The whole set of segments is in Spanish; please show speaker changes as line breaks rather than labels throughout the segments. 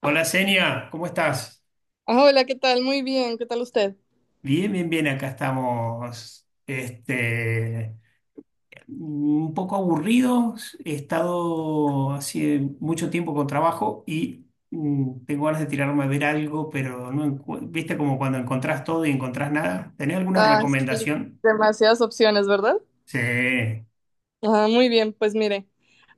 Hola Senia, ¿cómo estás?
Ah, hola, ¿qué tal? Muy bien, ¿qué tal usted?
Bien, bien, bien, acá estamos. Un poco aburridos, he estado hace mucho tiempo con trabajo y tengo ganas de tirarme a ver algo, pero no encu- viste como cuando encontrás todo y encontrás nada. ¿Tenés alguna
Ah, sí,
recomendación?
demasiadas opciones, ¿verdad?
Sí,
Ah, muy bien, pues mire,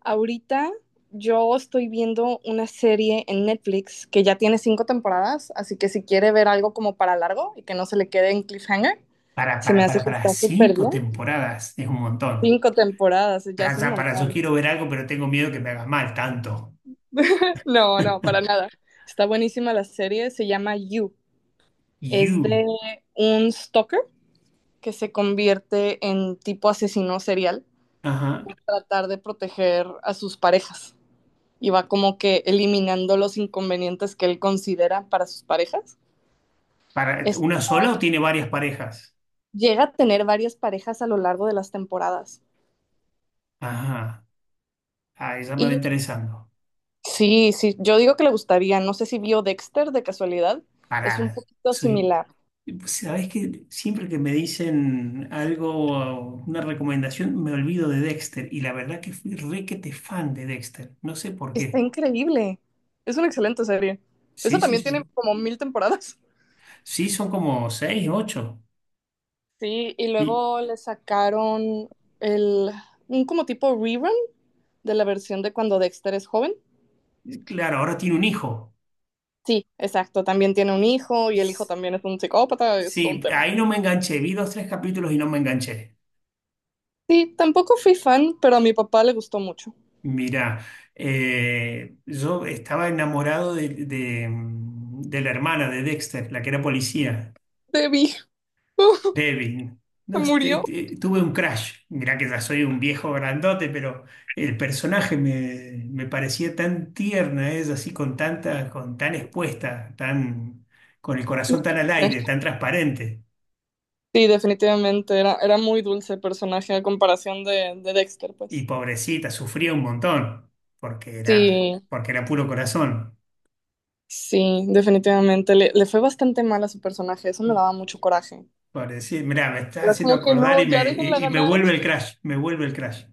ahorita yo estoy viendo una serie en Netflix que ya tiene 5 temporadas, así que si quiere ver algo como para largo y que no se le quede en cliffhanger, se me hace que
para
está súper
cinco
bien.
temporadas, es un montón.
5 temporadas, ya es
Ya,
un
ya, para eso
montón.
quiero ver algo, pero tengo miedo que me haga mal tanto.
No, no, para nada. Está buenísima la serie, se llama You. Es
You.
de un stalker que se convierte en tipo asesino serial
Ajá.
tratar de proteger a sus parejas y va como que eliminando los inconvenientes que él considera para sus parejas.
¿Para
Es,
una sola o tiene varias parejas?
Llega a tener varias parejas a lo largo de las temporadas.
Ajá, ah, ya me va
Y
interesando.
sí, sí, yo digo que le gustaría, no sé si vio Dexter de casualidad, es un
Pará,
poquito
soy.
similar.
¿Sabés que siempre que me dicen algo, una recomendación, me olvido de Dexter? Y la verdad que fui requete fan de Dexter. No sé por
Está
qué.
increíble, es una excelente serie. Eso
Sí, sí,
también tiene
sí.
como mil temporadas.
Sí, son como seis, ocho.
Sí, y
Y
luego le sacaron el, un como tipo rerun de la versión de cuando Dexter es joven.
claro, ahora tiene un hijo.
Sí, exacto. También tiene un hijo y el hijo
S-
también es un psicópata, es todo
Sí,
un tema.
ahí no me enganché. Vi dos, tres capítulos y no me enganché.
Sí, tampoco fui fan, pero a mi papá le gustó mucho.
Mirá, yo estaba enamorado de la hermana de Dexter, la que era policía,
Debbie.
Devin.
Se
No,
murió.
tuve un crush. Mirá que ya soy un viejo grandote, pero el personaje me parecía tan tierna, es así con tanta, con tan expuesta, tan, con el corazón tan al aire, tan transparente.
Sí, definitivamente era muy dulce el personaje a comparación de Dexter,
Y
pues.
pobrecita, sufría un montón,
Sí,
porque era puro corazón.
sí, definitivamente. Le fue bastante mal a su personaje, eso me daba mucho coraje.
Parecido, mirá, me está
Era
haciendo
como que
acordar
no,
y
ya
me,
déjenla
y, y me
ganar.
vuelve el crash, me vuelve el crash.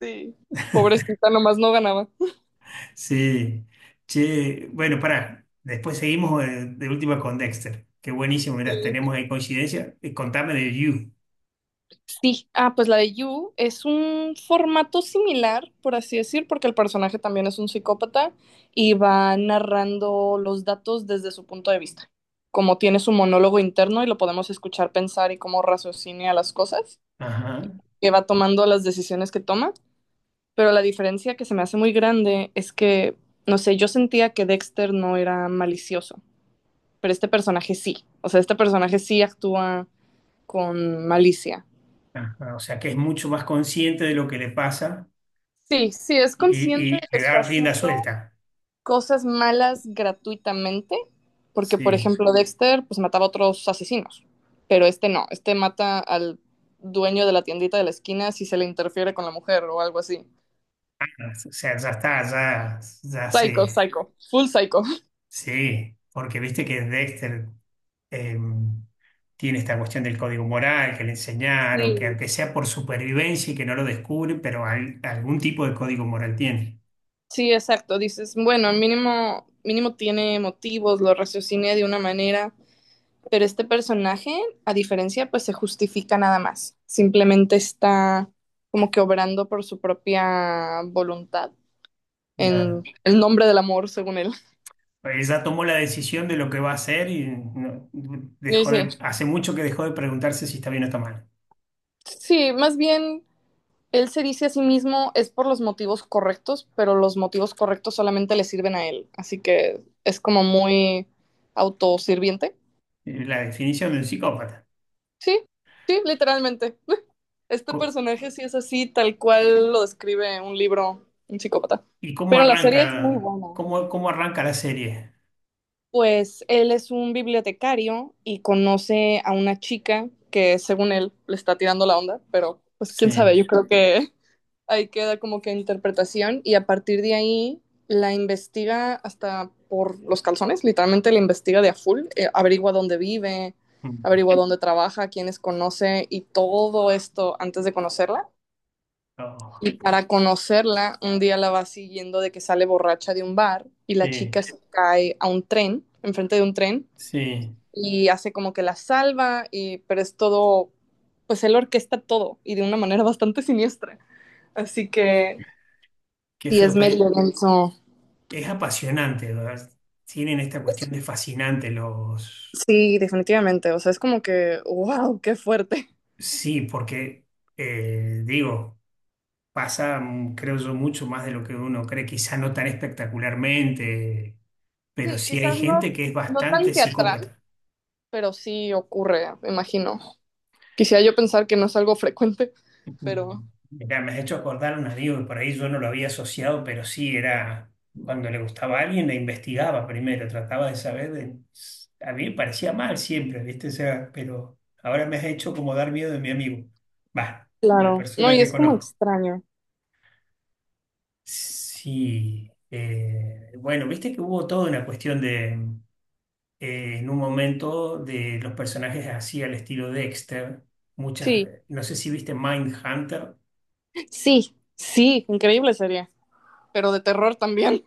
Sí, pobrecita, nomás no ganaba.
Sí, che, bueno, pará, después seguimos última con Dexter. Qué buenísimo, mirá,
Sí.
tenemos ahí coincidencia. Contame de You.
Sí, pues la de You es un formato similar, por así decir, porque el personaje también es un psicópata y va narrando los datos desde su punto de vista. Como tiene su monólogo interno y lo podemos escuchar pensar y cómo raciocina las cosas,
Ajá,
que va tomando las decisiones que toma. Pero la diferencia que se me hace muy grande es que, no sé, yo sentía que Dexter no era malicioso, pero este personaje sí. O sea, este personaje sí actúa con malicia.
ajá, o sea, que es mucho más consciente de lo que le pasa
Sí, sí es consciente de
y
que
le
está
da rienda
haciendo
suelta.
cosas malas gratuitamente, porque por
Sí,
ejemplo Dexter pues mataba a otros asesinos, pero este no, este mata al dueño de la tiendita de la esquina si se le interfiere con la mujer o algo así.
o sea, ya está, ya
Psycho,
se.
psycho, full psycho.
Sí, porque viste que Dexter eh, tiene esta cuestión del código moral que le enseñaron, que
Sí,
aunque sea por supervivencia y que no lo descubren, pero algún tipo de código moral tiene.
sí, exacto, dices, bueno, mínimo mínimo tiene motivos, lo raciociné de una manera. Pero este personaje, pues se justifica nada más. Simplemente está como que obrando por su propia voluntad en
Claro.
el nombre del amor, según él.
Ella tomó la decisión de lo que va a hacer y
Y
dejó
sí,
de, hace mucho que dejó de preguntarse si está bien o está mal.
sí, más bien él se dice a sí mismo es por los motivos correctos, pero los motivos correctos solamente le sirven a él. Así que es como muy autosirviente.
La definición de un psicópata.
Sí, sí, literalmente. Este
Co-
personaje sí es así, tal cual lo describe un libro, un psicópata.
¿Y cómo
Pero la serie
arranca, cómo, cómo arranca la serie?
Pues él es un bibliotecario y conoce a una chica que según él le está tirando la onda, pero pues quién
Sí.
sabe, yo creo que ahí queda como que interpretación y a partir de ahí la investiga hasta por los calzones, literalmente la investiga de a full, averigua dónde vive,
Mm.
averigua dónde trabaja, quiénes conoce y todo esto antes de conocerla.
Oh,
Y para conocerla, un día la va siguiendo de que sale borracha de un bar y la
sí.
chica se cae a un tren, enfrente de un tren,
Sí,
y hace como que la salva, y, pero es todo, pues él orquesta todo y de una manera bastante siniestra. Así que
qué
sí,
feo.
es medio denso.
Es apasionante, ¿verdad? Tienen esta cuestión
Es-
de fascinante los...
Sí, definitivamente. O sea, es como que, wow, qué fuerte.
Sí, porque, digo, pasa, creo yo, mucho más de lo que uno cree, quizá no tan espectacularmente, pero
Sí,
sí hay
quizás no,
gente que es
no tan
bastante
teatral,
psicópata.
pero sí ocurre, me imagino. Quisiera yo pensar que no es algo frecuente, pero...
Mm. Mirá, me has hecho acordar a un amigo que por ahí yo no lo había asociado, pero sí era cuando le gustaba a alguien, la investigaba primero, trataba de saber. A mí me parecía mal siempre, ¿viste? O sea, pero ahora me has hecho como dar miedo de mi amigo. Va, la
Claro. No,
persona
y
que
es como
conozco.
extraño.
Sí, bueno, viste que hubo toda una cuestión de, en un momento, de los personajes así al estilo Dexter. Muchas,
Sí,
no sé si viste Mindhunter.
sí, sí, increíble sería. Pero de terror también.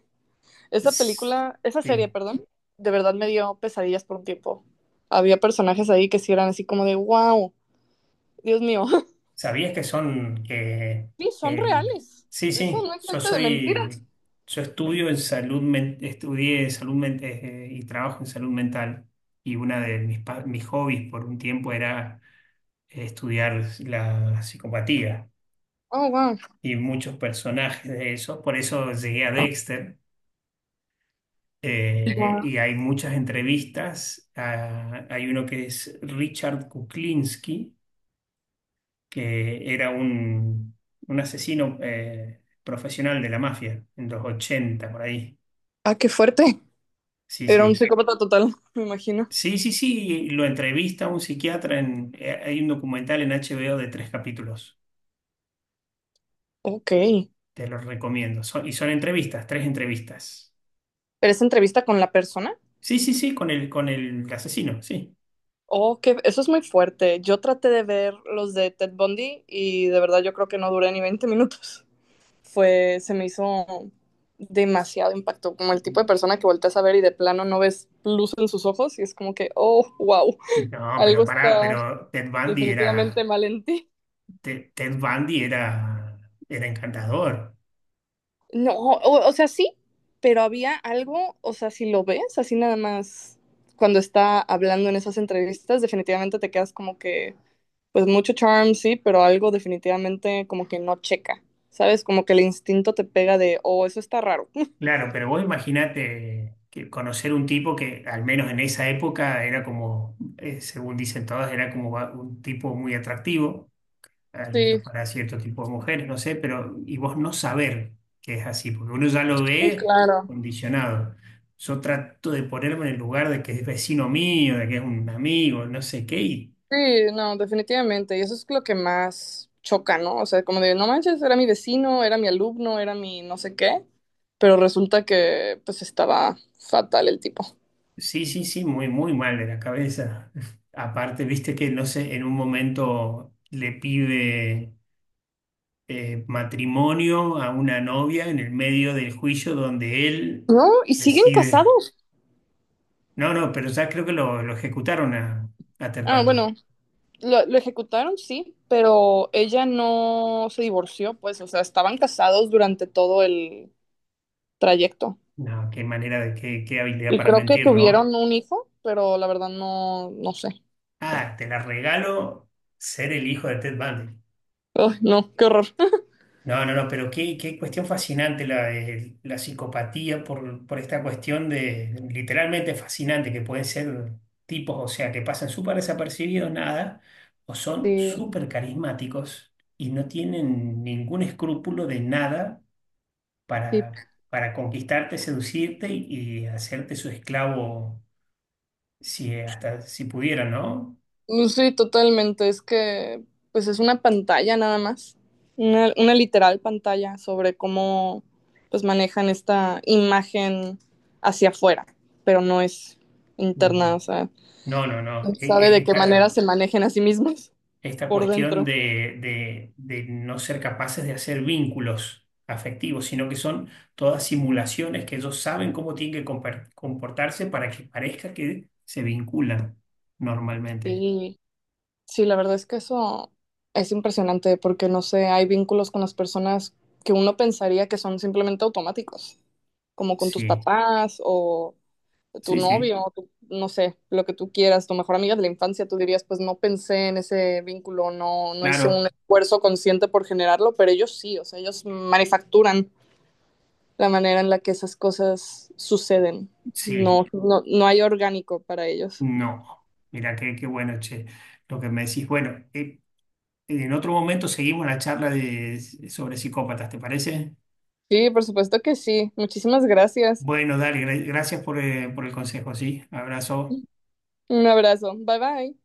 Esa
Sí.
película, esa serie, perdón, de verdad me dio pesadillas por un tiempo. Había personajes ahí que sí eran así como de, wow, Dios mío.
¿Sabías que son
Sí, son
que el
reales.
sí,
Eso
sí,
no es gente de mentiras.
yo estudio en salud men- estudié y trabajo en salud mental y una de mis hobbies por un tiempo era estudiar la psicopatía
Oh, wow.
y muchos personajes de eso, por eso llegué a Dexter.
Wow.
Y hay muchas entrevistas. Ah, hay uno que es Richard Kuklinski que era un asesino profesional de la mafia en los 80 por ahí.
Ah, qué fuerte.
Sí,
Era un
sí.
psicópata total, me imagino.
Sí, sí, sí, lo entrevista un psiquiatra en, hay un documental en HBO de tres capítulos.
Ok. ¿Pero
Te lo recomiendo. Son entrevistas, tres entrevistas.
esa entrevista con la persona?
Sí, sí, sí, con con el asesino, sí.
Oh, que eso es muy fuerte. Yo traté de ver los de Ted Bundy y de verdad yo creo que no duré ni 20 minutos. Fue, se me hizo demasiado impacto, como el tipo de persona que volteas a ver y de plano no ves luz en sus ojos y es como que, oh, wow,
No,
algo
pero
está
pará, pero
definitivamente mal en ti.
Ted, Ted Bundy era, era encantador.
No, o sea, sí, pero había algo, o sea, si lo ves así nada más cuando está hablando en esas entrevistas, definitivamente te quedas como que, pues mucho charm, sí, pero algo definitivamente como que no checa, ¿sabes? Como que el instinto te pega de, oh, eso está raro.
Claro, pero vos imaginate que conocer un tipo que, al menos en esa época, era como, según dicen todas, era como un tipo muy atractivo, al menos
Sí,
para cierto tipo de mujeres, no sé, pero y vos no saber que es así, porque uno ya lo
sí,
ve
claro.
condicionado. Yo trato de ponerme en el lugar de que es vecino mío, de que es un amigo, no sé qué, y
Sí, no, definitivamente. Y eso es lo que más choca, ¿no? O sea, como de, no manches, era mi vecino, era mi alumno, era mi no sé qué, pero resulta que pues estaba fatal el tipo.
sí, sí, sí, muy, muy mal de la cabeza. Aparte, viste que, no sé, en un momento le pide. Matrimonio a una novia en el medio del juicio donde él
No, y siguen
decide.
casados.
No, no, pero ya creo que lo ejecutaron a
Ah,
Terpandi.
bueno, lo ejecutaron, sí, pero ella no se divorció, pues, o sea, estaban casados durante todo el trayecto.
No, qué manera de qué habilidad
Y
para
creo que
mentir, ¿no?
tuvieron un hijo, pero la verdad no, no sé.
Ah, te la regalo ser el hijo de Ted Bundy.
Ay, no, qué horror.
No, no, no, pero qué cuestión fascinante de la psicopatía por esta cuestión de literalmente fascinante que pueden ser tipos, o sea, que pasan súper desapercibidos, nada, o son
Sí,
súper carismáticos y no tienen ningún escrúpulo de nada
sí.
para, para conquistarte, seducirte y hacerte su esclavo si hasta si pudieran, ¿no?
Mm, sí, totalmente. Es que, pues es una pantalla nada más, una literal pantalla sobre cómo, pues manejan esta imagen hacia afuera, pero no es interna,
Mm.
o sea,
No, no,
no
no.
sabe de qué manera se manejen a sí mismos
Esta
por
cuestión
dentro.
de, de no ser capaces de hacer vínculos afectivos, sino que son todas simulaciones que ellos saben cómo tienen que comportarse para que parezca que se vinculan normalmente.
Y sí, la verdad es que eso es impresionante porque, no sé, hay vínculos con las personas que uno pensaría que son simplemente automáticos, como con tus
Sí,
papás o tu
sí, sí,
novio, tu- no sé, lo que tú quieras, tu mejor amiga de la infancia, tú dirías, pues no pensé en ese vínculo, no, no hice un
claro,
esfuerzo consciente por generarlo, pero ellos sí, o sea, ellos manufacturan la manera en la que esas cosas suceden.
sí,
No, no, no hay orgánico para ellos.
no. Mira, qué bueno, che, lo que me decís. Bueno, en otro momento seguimos la charla de, sobre psicópatas, ¿te parece?
Sí, por supuesto que sí. Muchísimas gracias.
Bueno, dale, gracias por el consejo, sí. Abrazo.
Un abrazo. Bye bye.